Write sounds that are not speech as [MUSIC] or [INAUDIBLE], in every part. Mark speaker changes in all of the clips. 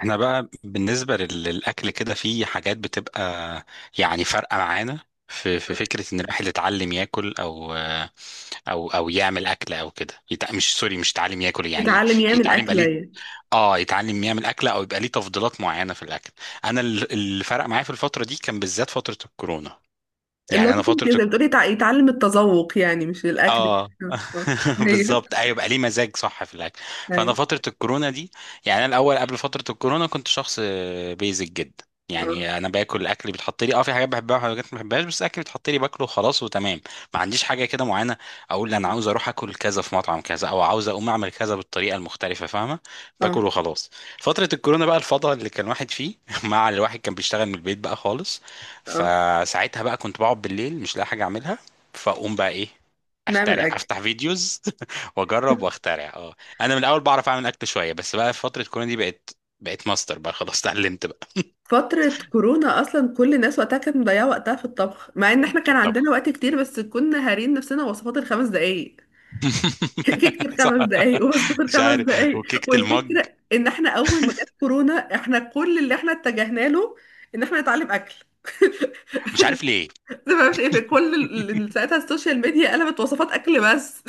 Speaker 1: احنا بقى بالنسبة للأكل كده في حاجات بتبقى يعني فارقة معانا. في فكرة إن الواحد يتعلم ياكل أو يعمل أكل أو كده يتع... مش سوري مش يتعلم ياكل، يعني
Speaker 2: يتعلم يعمل
Speaker 1: يتعلم بقى
Speaker 2: أكلة
Speaker 1: ليه.
Speaker 2: يعني.
Speaker 1: اه، يتعلم يعمل أكلة أو يبقى ليه تفضيلات معينة في الأكل. أنا اللي فرق معايا في الفترة دي كان بالذات فترة الكورونا،
Speaker 2: اللي هو
Speaker 1: يعني أنا
Speaker 2: كنت
Speaker 1: فترة
Speaker 2: زي ما بتقولي يتعلم التذوق، يعني مش الأكل
Speaker 1: اه.
Speaker 2: كده. آه.
Speaker 1: [LAUGHS]
Speaker 2: أيوه.
Speaker 1: بالظبط، ايوه، بقى ليه مزاج صح في الاكل. فانا
Speaker 2: أيوه.
Speaker 1: فتره الكورونا دي، يعني انا الاول قبل فتره الكورونا كنت شخص بيزك جدا،
Speaker 2: اه.
Speaker 1: يعني انا باكل الاكل اللي بيتحط لي، اه، في حاجات بحبها وحاجات ما بحبهاش، بس الاكل اللي بيتحط لي باكله خلاص وتمام. ما عنديش حاجه كده معينه اقول انا عاوز اروح اكل كذا في مطعم كذا او عاوز اقوم اعمل كذا بالطريقه المختلفه، فاهمه.
Speaker 2: اه.
Speaker 1: باكل وخلاص. فتره الكورونا بقى الفضاء اللي كان واحد فيه [LAUGHS] مع الواحد كان بيشتغل من البيت بقى خالص،
Speaker 2: اه.
Speaker 1: فساعتها بقى كنت بقعد بالليل مش لاقي حاجه اعملها، فاقوم بقى ايه،
Speaker 2: نعمل
Speaker 1: اخترع
Speaker 2: أكل.
Speaker 1: افتح فيديوز [LAUGHS] واجرب واخترع، اه. انا من الاول بعرف اعمل اكل شويه، بس بقى في فتره كورونا دي بقت بقيت ماستر بقى خلاص اتعلمت بقى
Speaker 2: فترة كورونا أصلا كل الناس وقتها كانت مضيعة وقتها في الطبخ، مع إن إحنا
Speaker 1: في
Speaker 2: كان عندنا
Speaker 1: الطبخ.
Speaker 2: وقت كتير بس كنا هارين نفسنا وصفات الخمس دقايق. [LAUGHS] كيكة
Speaker 1: [LAUGHS] صح،
Speaker 2: الخمس دقايق ووصفات
Speaker 1: مش
Speaker 2: الخمس
Speaker 1: عارف،
Speaker 2: دقايق.
Speaker 1: وكيكه المج.
Speaker 2: والفكرة إن إحنا أول ما جت كورونا، إحنا كل اللي إحنا اتجهنا له إن إحنا نتعلم أكل. [LAUGHS]
Speaker 1: مش عارف ليه.
Speaker 2: ده ما مش إيه، في كل
Speaker 1: [LAUGHS]
Speaker 2: ساعتها السوشيال ميديا قلبت وصفات أكل بس.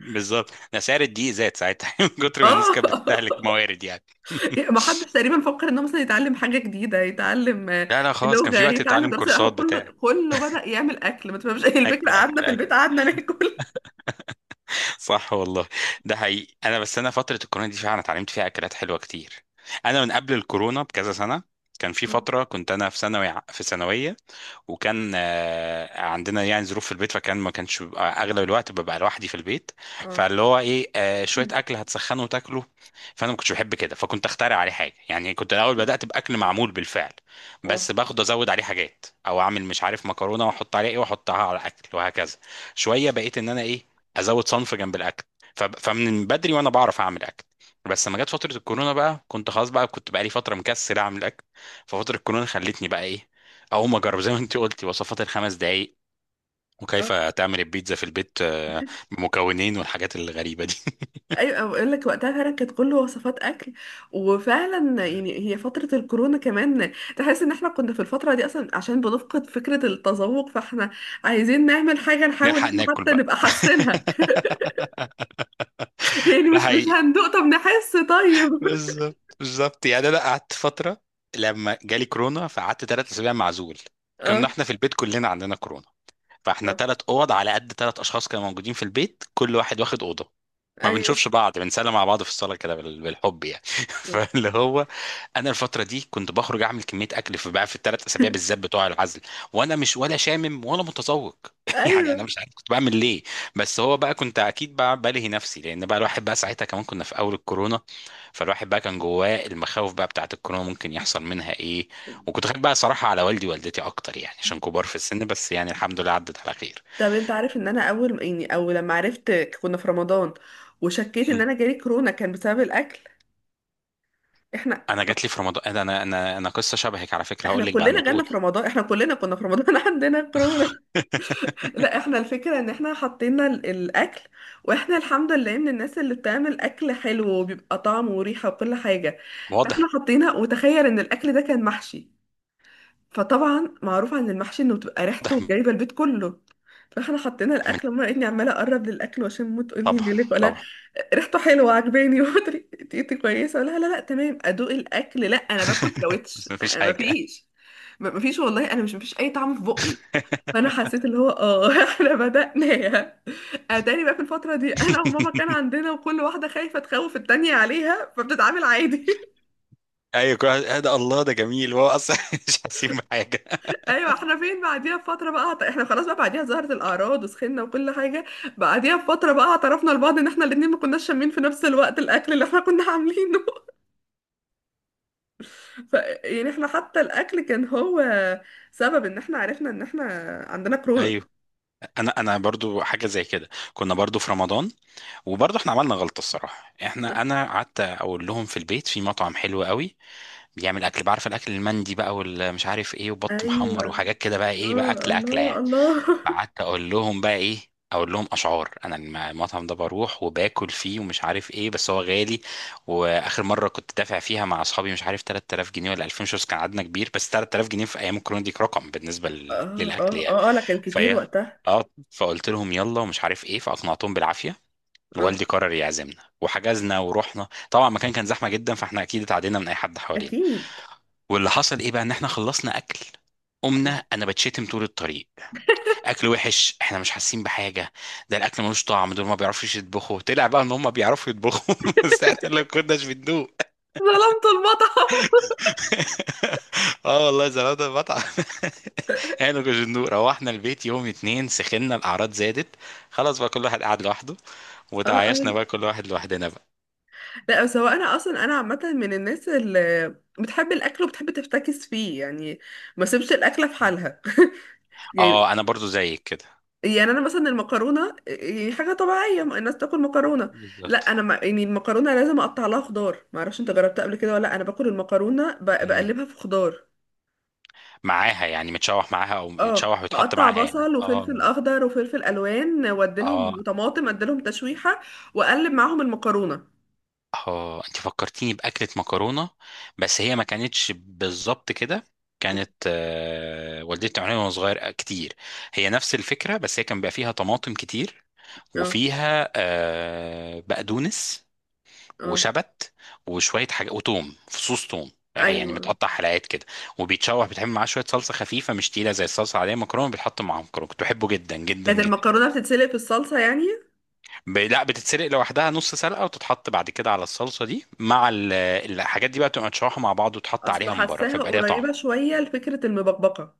Speaker 1: بالظبط، ده سعر الدقيق زاد ساعتها [LAUGHS] من كتر ما الناس
Speaker 2: اه.
Speaker 1: كانت بتستهلك موارد يعني.
Speaker 2: [LAUGHS]
Speaker 1: [LAUGHS]
Speaker 2: ما حدش تقريبا فكر انه مثلا يتعلم حاجه جديده، يتعلم
Speaker 1: لا لا خلاص، كان
Speaker 2: لغه،
Speaker 1: في وقت
Speaker 2: يتعلم
Speaker 1: تتعلم
Speaker 2: دراسه، لا، هو
Speaker 1: كورسات
Speaker 2: كله
Speaker 1: بتاع،
Speaker 2: كله بدا يعمل اكل، ما تفهمش. [LAUGHS] ايه الفكره؟
Speaker 1: اكل
Speaker 2: قعدنا
Speaker 1: اكل
Speaker 2: في
Speaker 1: اكل.
Speaker 2: البيت قعدنا ناكل.
Speaker 1: صح والله، ده حقيقي. انا بس انا فتره الكورونا دي فعلا اتعلمت فيها اكلات حلوه كتير. انا من قبل الكورونا بكذا سنه كان في
Speaker 2: اه.
Speaker 1: فتره كنت انا في ثانوي، في ثانويه، وكان آه، عندنا يعني ظروف في البيت، فكان ما كانش بيبقى اغلب الوقت ببقى لوحدي في البيت،
Speaker 2: اه.
Speaker 1: فاللي هو ايه، آه، شويه اكل هتسخنه وتاكله. فانا ما كنتش بحب كده فكنت اخترع عليه حاجه، يعني كنت الاول بدات باكل معمول بالفعل،
Speaker 2: اه.
Speaker 1: بس باخد ازود عليه حاجات، او اعمل مش عارف مكرونه واحط عليها ايه واحطها على الاكل وهكذا. شويه بقيت ان انا ايه، ازود صنف جنب الاكل. فمن بدري وانا بعرف اعمل اكل، بس لما جت فتره الكورونا بقى كنت خلاص بقى كنت بقى لي فتره مكسل اعمل اكل. ففتره الكورونا خلتني بقى ايه، اقوم اجرب زي ما انت قلتي وصفات الـ 5 دقايق،
Speaker 2: آه.
Speaker 1: وكيف تعمل البيتزا في البيت، آه، بمكونين والحاجات الغريبه دي.
Speaker 2: ايوه بقول لك وقتها فعلا كانت كله وصفات اكل. وفعلا يعني هي فتره الكورونا كمان، تحس ان احنا كنا في الفتره دي اصلا عشان بنفقد فكره التذوق، فاحنا عايزين نعمل حاجه،
Speaker 1: [LAUGHS]
Speaker 2: نحاول إن
Speaker 1: نلحق
Speaker 2: احنا
Speaker 1: ناكل
Speaker 2: حتى
Speaker 1: بقى.
Speaker 2: نبقى
Speaker 1: [LAUGHS]
Speaker 2: حاسينها. [LAUGHS] يعني
Speaker 1: ده
Speaker 2: مش
Speaker 1: حقيقي،
Speaker 2: هندوق، طب نحس طيب.
Speaker 1: بالظبط بالظبط، يعني انا قعدت فتره لما جالي كورونا، فقعدت 3 اسابيع معزول.
Speaker 2: [LAUGHS]
Speaker 1: كنا
Speaker 2: اه.
Speaker 1: احنا في البيت كلنا عندنا كورونا، فاحنا
Speaker 2: آه.
Speaker 1: 3 اوض على قد 3 اشخاص كانوا موجودين في البيت، كل واحد واخد اوضه، ما
Speaker 2: ايوه.
Speaker 1: بنشوفش بعض، بنسلم على بعض في الصاله كده بالحب يعني. [LAUGHS] فاللي هو انا الفتره دي كنت بخرج اعمل كميه اكل في بقى في الـ 3 اسابيع بالذات بتوع العزل، وانا مش ولا شامم ولا متذوق. [LAUGHS] يعني انا
Speaker 2: ايوه.
Speaker 1: مش عارف كنت بعمل ليه، بس هو بقى كنت اكيد بقى بلهي نفسي، لان بقى الواحد بقى ساعتها كمان كنا في اول الكورونا، فالواحد بقى كان جواه المخاوف بقى بتاعت الكورونا ممكن يحصل منها ايه. وكنت خايف بقى صراحه على والدي ووالدتي اكتر، يعني عشان كبار في السن، بس يعني الحمد لله عدت على خير.
Speaker 2: طب انت عارف ان انا اول، يعني او لما عرفت، كنا في رمضان، وشكيت ان انا جالي كورونا كان بسبب الاكل. احنا،
Speaker 1: انا جات لي في رمضان، انا انا انا أنا قصه شبهك على فكره
Speaker 2: احنا
Speaker 1: هقول لك بعد
Speaker 2: كلنا
Speaker 1: ما
Speaker 2: جالنا
Speaker 1: تقولي.
Speaker 2: في رمضان، احنا كلنا كنا في رمضان [LAUGHS] عندنا كورونا.
Speaker 1: [LAUGHS]
Speaker 2: لا احنا الفكره ان احنا حطينا الاكل، واحنا الحمد لله من الناس اللي بتعمل اكل حلو وبيبقى طعم وريحه وكل حاجه. فاحنا
Speaker 1: واضح،
Speaker 2: حطينا وتخيل ان الاكل ده كان محشي، فطبعا معروف عن المحشي انه بتبقى ريحته
Speaker 1: واضح،
Speaker 2: جايبه البيت كله. فاحنا حطينا
Speaker 1: من،
Speaker 2: الاكل وما لقيتني عماله اقرب للاكل، وعشان ما تقول لي
Speaker 1: طبعا،
Speaker 2: مالك ولا،
Speaker 1: طبعا.
Speaker 2: ريحته حلوه عجباني [LAUGHS] وطريقتي كويسه ولا، لا لا لا، تمام ادوق الاكل، لا انا باكل
Speaker 1: [LAUGHS]
Speaker 2: ساويتش،
Speaker 1: بس مفيش
Speaker 2: أنا
Speaker 1: حاجه. [LAUGHS]
Speaker 2: مفيش، مفيش، والله انا مش، مفيش اي طعم في بقي. فانا حسيت اللي هو [LAUGHS] احنا بدأناها. اتاري بقى في الفتره دي انا وماما كان عندنا، وكل واحده خايفه تخوف التانية عليها فبتتعامل عادي.
Speaker 1: ايوه كل واحد- آه ده الله، ده جميل هو اصلا [LAUGHS] مش حاسين بحاجه.
Speaker 2: ايوه. احنا فين بعديها بفتره بقى احنا خلاص، بقى بعديها ظهرت الاعراض وسخنا وكل حاجه. بعديها بفتره بقى اعترفنا لبعض ان احنا الاتنين ما كناش شامين في نفس الوقت الاكل اللي احنا كنا عاملينه. [LAUGHS] ف يعني احنا حتى الاكل كان هو سبب ان احنا عرفنا ان احنا عندنا كورونا.
Speaker 1: ايوه، انا برضو حاجه زي كده. كنا برضو في رمضان، وبرضو احنا عملنا غلطه الصراحه. احنا انا قعدت اقول لهم في البيت في مطعم حلو قوي بيعمل اكل، بعرف الاكل المندي بقى والمش عارف ايه وبط محمر
Speaker 2: ايوه.
Speaker 1: وحاجات كده بقى ايه، بقى
Speaker 2: اه.
Speaker 1: اكل اكله
Speaker 2: الله
Speaker 1: يعني.
Speaker 2: الله. [LAUGHS]
Speaker 1: قعدت اقول لهم بقى ايه، اقول لهم اشعار انا المطعم ده بروح وباكل فيه ومش عارف ايه، بس هو غالي. واخر مره كنت دافع فيها مع اصحابي مش عارف 3000 جنيه ولا 2000 شوز، كان عددنا كبير، بس 3000 جنيه في ايام الكورونا دي رقم بالنسبه
Speaker 2: اه.
Speaker 1: للاكل
Speaker 2: اه.
Speaker 1: يعني.
Speaker 2: اه. اه. لا كان كتير
Speaker 1: فهي
Speaker 2: وقتها.
Speaker 1: اه، فقلت لهم يلا ومش عارف ايه، فاقنعتهم بالعافيه.
Speaker 2: اه.
Speaker 1: والدي قرر يعزمنا وحجزنا ورحنا، طبعا المكان كان زحمه جدا فاحنا اكيد اتعدينا من اي حد حوالينا.
Speaker 2: اكيد.
Speaker 1: واللي حصل ايه بقى ان احنا خلصنا اكل، قمنا انا بتشتم طول الطريق. اكل وحش، احنا مش حاسين بحاجه، ده الاكل ملوش طعم، دول ما بيعرفوش يطبخوا. طلع بقى ان هم بيعرفوا يطبخوا، [LAUGHS] بس احنا اللي كناش بندوق.
Speaker 2: ظلمت المطعم.
Speaker 1: [LAUGHS] اه والله زمان ده المطعم. [LAUGHS] احنا ما كناش بندوق، روحنا البيت، يوم اتنين سخنا، الاعراض زادت، خلاص بقى كل واحد قعد لوحده،
Speaker 2: اه. اه.
Speaker 1: وتعايشنا بقى كل واحد لوحدنا بقى.
Speaker 2: لا بس هو انا اصلا، انا عامه من الناس اللي بتحب الاكل وبتحب تفتكس فيه يعني، ما سيبش الاكله في حالها. [LAUGHS] يعني
Speaker 1: اه، انا برضو زيك كده.
Speaker 2: يعني انا مثلا المكرونه يعني حاجه طبيعيه، ما الناس تاكل مكرونه. لا
Speaker 1: بالظبط.
Speaker 2: انا ما، يعني المكرونه لازم اقطع لها خضار، ما اعرفش انت جربتها قبل كده ولا لأ. انا باكل المكرونه
Speaker 1: مم،
Speaker 2: بقلبها في خضار.
Speaker 1: معاها يعني متشوح معاها او
Speaker 2: اه
Speaker 1: متشوح ويتحط
Speaker 2: بقطع
Speaker 1: معاها، يعني
Speaker 2: بصل
Speaker 1: اه.
Speaker 2: وفلفل اخضر وفلفل الوان واديلهم،
Speaker 1: اه،
Speaker 2: وطماطم اديلهم تشويحه، واقلب معاهم المكرونه.
Speaker 1: اه انت فكرتيني باكله مكرونه، بس هي ما كانتش بالظبط كده،
Speaker 2: م.
Speaker 1: كانت آه، والدتي بتعملها وانا صغير آه، كتير. هي نفس الفكره، بس هي كان بيبقى فيها طماطم كتير،
Speaker 2: اه.
Speaker 1: وفيها آه، بقدونس،
Speaker 2: اه.
Speaker 1: وشبت، وشويه حاجه، وتوم، فصوص توم، آه، يعني
Speaker 2: ايوه.
Speaker 1: متقطع حلقات كده، وبيتشوح، بتعمل معاه شويه صلصه خفيفه مش تقيله زي الصلصه العاديه، مكرونه بيتحط معاهم مكرونه، كنت بحبه جدا جدا
Speaker 2: كانت
Speaker 1: جدا.
Speaker 2: المكرونه بتتسلق في الصلصه يعني؟
Speaker 1: لا بتتسلق لوحدها نص سلقه وتتحط بعد كده على الصلصه دي مع الحاجات دي بقى تبقى متشوحه مع بعض، وتحط
Speaker 2: اصل
Speaker 1: عليها من بره
Speaker 2: حاساها
Speaker 1: فيبقى ليها طعم.
Speaker 2: قريبة شوية لفكرة المبكبكة.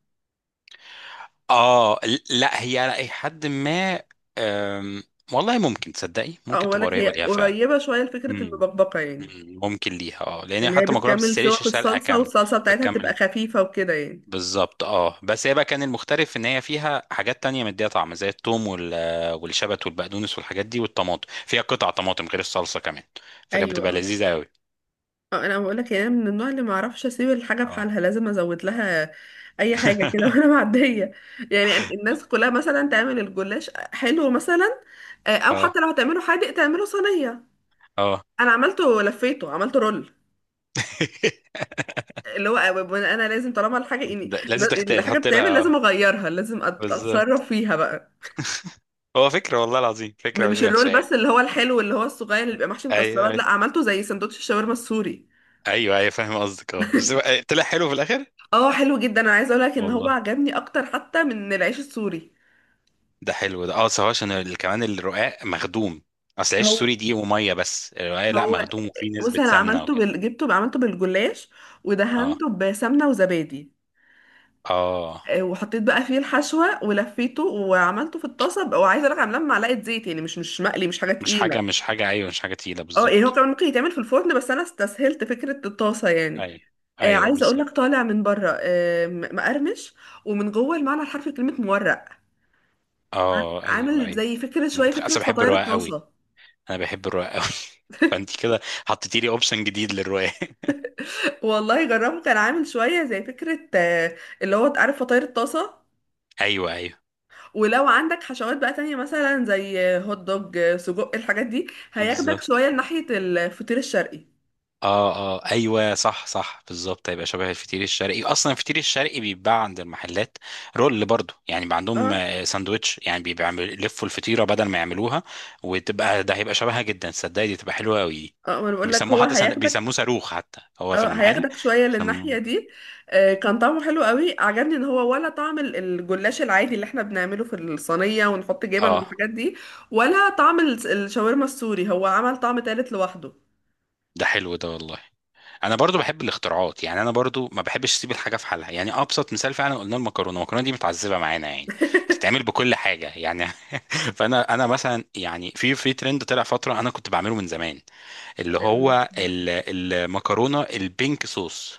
Speaker 1: اه لا، هي على اي حد ما، أم، والله ممكن تصدقي ممكن تبقى
Speaker 2: اقولك هي
Speaker 1: قريبه ليها فعلا.
Speaker 2: قريبة شوية لفكرة
Speaker 1: مم.
Speaker 2: المبكبكة يعني،
Speaker 1: مم، ممكن ليها اه، لان هي
Speaker 2: اللي هي
Speaker 1: حتى المكرونه ما
Speaker 2: بتكمل سوا
Speaker 1: بتتسلقش
Speaker 2: في
Speaker 1: سلقه
Speaker 2: الصلصة،
Speaker 1: كامله،
Speaker 2: والصلصة بتاعتها بتبقى
Speaker 1: بتكمل.
Speaker 2: خفيفة وكده يعني.
Speaker 1: بالظبط، اه بس هي بقى كان المختلف ان هي فيها حاجات تانية مديها طعم زي الثوم والشبت والبقدونس والحاجات دي، والطماطم فيها قطع طماطم غير الصلصه كمان، فكانت
Speaker 2: ايوه.
Speaker 1: بتبقى
Speaker 2: اه.
Speaker 1: لذيذه.
Speaker 2: انا بقولك يعني أنا من النوع اللي معرفش اسيب الحاجة في
Speaker 1: قوي.
Speaker 2: حالها، لازم ازود لها اي حاجة كده. [LAUGHS] وانا
Speaker 1: [LAUGHS]
Speaker 2: معدية. يعني الناس كلها مثلا تعمل الجلاش حلو مثلا، او
Speaker 1: اه،
Speaker 2: حتى لو هتعمله حادق تعمله صينية.
Speaker 1: اه.
Speaker 2: انا عملته لفيته عملته رول،
Speaker 1: [LAUGHS]
Speaker 2: اللي هو انا لازم طالما الحاجه، يعني
Speaker 1: ده لازم تختار
Speaker 2: الحاجه
Speaker 1: تحط
Speaker 2: بتتعمل لازم
Speaker 1: لها.
Speaker 2: اغيرها، لازم
Speaker 1: بالظبط.
Speaker 2: اتصرف فيها بقى.
Speaker 1: هو فكرة والله العظيم فكرة مش
Speaker 2: مش
Speaker 1: وحشة
Speaker 2: الرول
Speaker 1: يعني.
Speaker 2: بس، اللي هو الحلو اللي هو الصغير اللي بيبقى محشي
Speaker 1: ايوه
Speaker 2: مكسرات، لا
Speaker 1: ايوه،
Speaker 2: عملته زي سندوتش الشاورما السوري.
Speaker 1: ايوه ايوه فاهم قصدك، اه بس هو- طلع حلو في الاخر
Speaker 2: اه حلو جدا. انا عايزه اقول لك ان هو
Speaker 1: والله.
Speaker 2: عجبني اكتر حتى من العيش السوري.
Speaker 1: ده حلو ده، اه بس هو عشان كمان الرقاق مخدوم، اصل عيش
Speaker 2: هو
Speaker 1: سوري دي وميه، بس الرقاق لا
Speaker 2: هو
Speaker 1: مخدوم وفيه
Speaker 2: بص
Speaker 1: نسبة
Speaker 2: انا
Speaker 1: سمنة
Speaker 2: عملته
Speaker 1: وكده.
Speaker 2: جبته عملته بالجلاش،
Speaker 1: اه،
Speaker 2: ودهنته بسمنه وزبادي،
Speaker 1: اه،
Speaker 2: وحطيت بقى فيه الحشوه ولفيته وعملته في الطاسه. وعايزه اقول لك عاملاه بمعلقه زيت يعني، مش مقلي، مش حاجه
Speaker 1: مش
Speaker 2: تقيله.
Speaker 1: حاجة، مش حاجة، ايوه، مش حاجة تقيلة،
Speaker 2: اه يعني هو
Speaker 1: بالظبط.
Speaker 2: كمان ممكن يتعمل في الفرن، بس انا استسهلت فكره الطاسه يعني.
Speaker 1: ايوه ايوه،
Speaker 2: عايزه اقول لك
Speaker 1: بالظبط،
Speaker 2: طالع من بره مقرمش، ومن جوه المعنى الحرفي كلمه مورق.
Speaker 1: اه، ايوه
Speaker 2: عامل
Speaker 1: ايوه.
Speaker 2: زي فكره
Speaker 1: انا
Speaker 2: شويه فكره
Speaker 1: اصل بحب
Speaker 2: فطاير
Speaker 1: الرقاق قوي،
Speaker 2: الطاسه.
Speaker 1: انا بحب الرواية قوي. [LAUGHS] فانت كده حطيتي لي اوبشن جديد للرواية. [LAUGHS]
Speaker 2: [LAUGHS] والله جربه، كان عامل شويه زي فكره، اللي هو عارف فطاير الطاسه.
Speaker 1: ايوه ايوه،
Speaker 2: ولو عندك حشوات بقى تانية مثلا زي هوت دوج، سجق، الحاجات دي هياخدك
Speaker 1: بالظبط
Speaker 2: شويه لناحيه الفطير الشرقي.
Speaker 1: اه، اه ايوه صح صح، بالظبط هيبقى شبه الفطير الشرقي، اصلا الفطير الشرقي بيتباع عند المحلات رول برضو، يعني بيبقى عندهم
Speaker 2: اه.
Speaker 1: آه، ساندوتش، يعني بيبقى عامل- يلفوا الفطيره بدل ما يعملوها، وتبقى ده هيبقى شبهها جدا، صدقني دي تبقى حلوه قوي.
Speaker 2: اه ما انا بقول لك
Speaker 1: بيسموه
Speaker 2: هو
Speaker 1: حتى بيسموه
Speaker 2: هياخدك.
Speaker 1: صاروخ حتى هو في
Speaker 2: اه
Speaker 1: المحل،
Speaker 2: هياخدك شوية
Speaker 1: بيسموه.
Speaker 2: للناحية دي. كان طعمه حلو قوي. عجبني ان هو ولا طعم الجلاش العادي اللي احنا بنعمله في الصينية ونحط جبن
Speaker 1: اه
Speaker 2: والحاجات دي، ولا طعم الشاورما السوري، هو عمل طعم تالت لوحده.
Speaker 1: ده حلو ده والله. انا برضو بحب الاختراعات، يعني انا برضو ما بحبش اسيب الحاجه في حالها، يعني ابسط مثال فعلا قلنا المكرونه، المكرونه دي متعذبه معانا يعني، بتتعمل بكل حاجه يعني. [LAUGHS] فانا انا مثلا يعني في ترند طلع فتره انا كنت بعمله من زمان، اللي
Speaker 2: ال-
Speaker 1: هو المكرونه البينك صوص.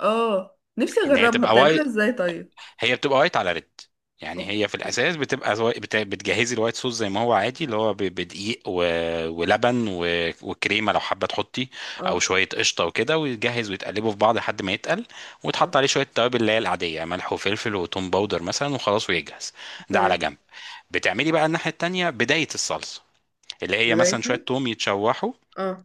Speaker 2: اه نفسي
Speaker 1: ان هي
Speaker 2: اجربها،
Speaker 1: تبقى،
Speaker 2: بتعملها ازاي طيب؟
Speaker 1: هي بتبقى وايت على ريد، يعني
Speaker 2: اه.
Speaker 1: هي في الاساس بتبقى بتجهزي الوايت صوص زي ما هو عادي اللي هو بدقيق ولبن وكريمه لو حابه تحطي، او
Speaker 2: اه.
Speaker 1: شويه قشطه وكده، ويتجهز ويتقلبوا في بعض لحد ما يتقل،
Speaker 2: آه،
Speaker 1: وتحط عليه شويه توابل اللي هي العاديه، يعني ملح وفلفل وتوم باودر مثلا، وخلاص ويجهز. ده على
Speaker 2: تمام.
Speaker 1: جنب. بتعملي بقى الناحيه التانيه بدايه الصلصه، اللي هي مثلا
Speaker 2: بدايتها.
Speaker 1: شويه توم يتشوحوا،
Speaker 2: اه.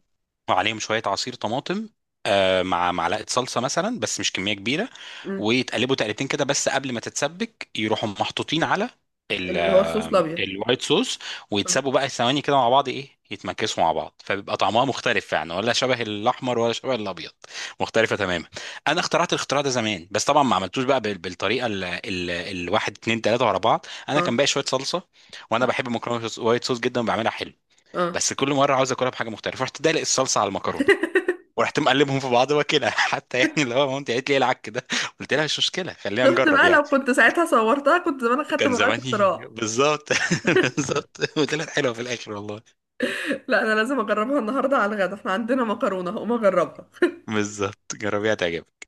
Speaker 1: وعليهم شويه عصير طماطم، آه، مع معلقه صلصه مثلا، بس مش كميه كبيره.
Speaker 2: مم.
Speaker 1: ويتقلبوا تقلبتين كده بس، قبل ما تتسبك يروحوا محطوطين على
Speaker 2: اللي هو الصوص
Speaker 1: آه،
Speaker 2: الابيض.
Speaker 1: الوايت صوص.
Speaker 2: اه.
Speaker 1: ويتسابوا بقى ثواني كده مع بعض، ايه، يتمكسوا مع بعض، فبيبقى طعمها مختلف يعني، ولا شبه الاحمر ولا شبه الابيض، مختلفه تماما. انا اخترعت الاختراع ده زمان، بس طبعا ما عملتوش بقى بالطريقه الواحد اتنين تلاته ورا بعض، انا كان
Speaker 2: اه.
Speaker 1: باقي شويه صلصه، وانا بحب مكرونه وايت صوص جدا وبعملها حلو،
Speaker 2: اه.
Speaker 1: بس كل مره عاوز اكلها بحاجه مختلفه، رحت دلق الصلصه على المكرونه، ورحت مقلبهم في بعض واكلها. [LAUGHS] حتى يعني اللي هو مامتي قالت لي إيه العك ده، قلت لها مش مشكله خلينا
Speaker 2: شفت
Speaker 1: نجرب
Speaker 2: بقى
Speaker 1: يعني.
Speaker 2: لو كنت ساعتها صورتها كنت زمان خدت
Speaker 1: كان
Speaker 2: براءة
Speaker 1: زماني
Speaker 2: اختراع.
Speaker 1: بالظبط. [LAUGHS] بالظبط، وطلعت حلوه في الاخر والله.
Speaker 2: لا انا لازم اجربها النهارده على الغدا، احنا عندنا مكرونه هقوم اجربها.
Speaker 1: بالظبط جربيها تعجبك.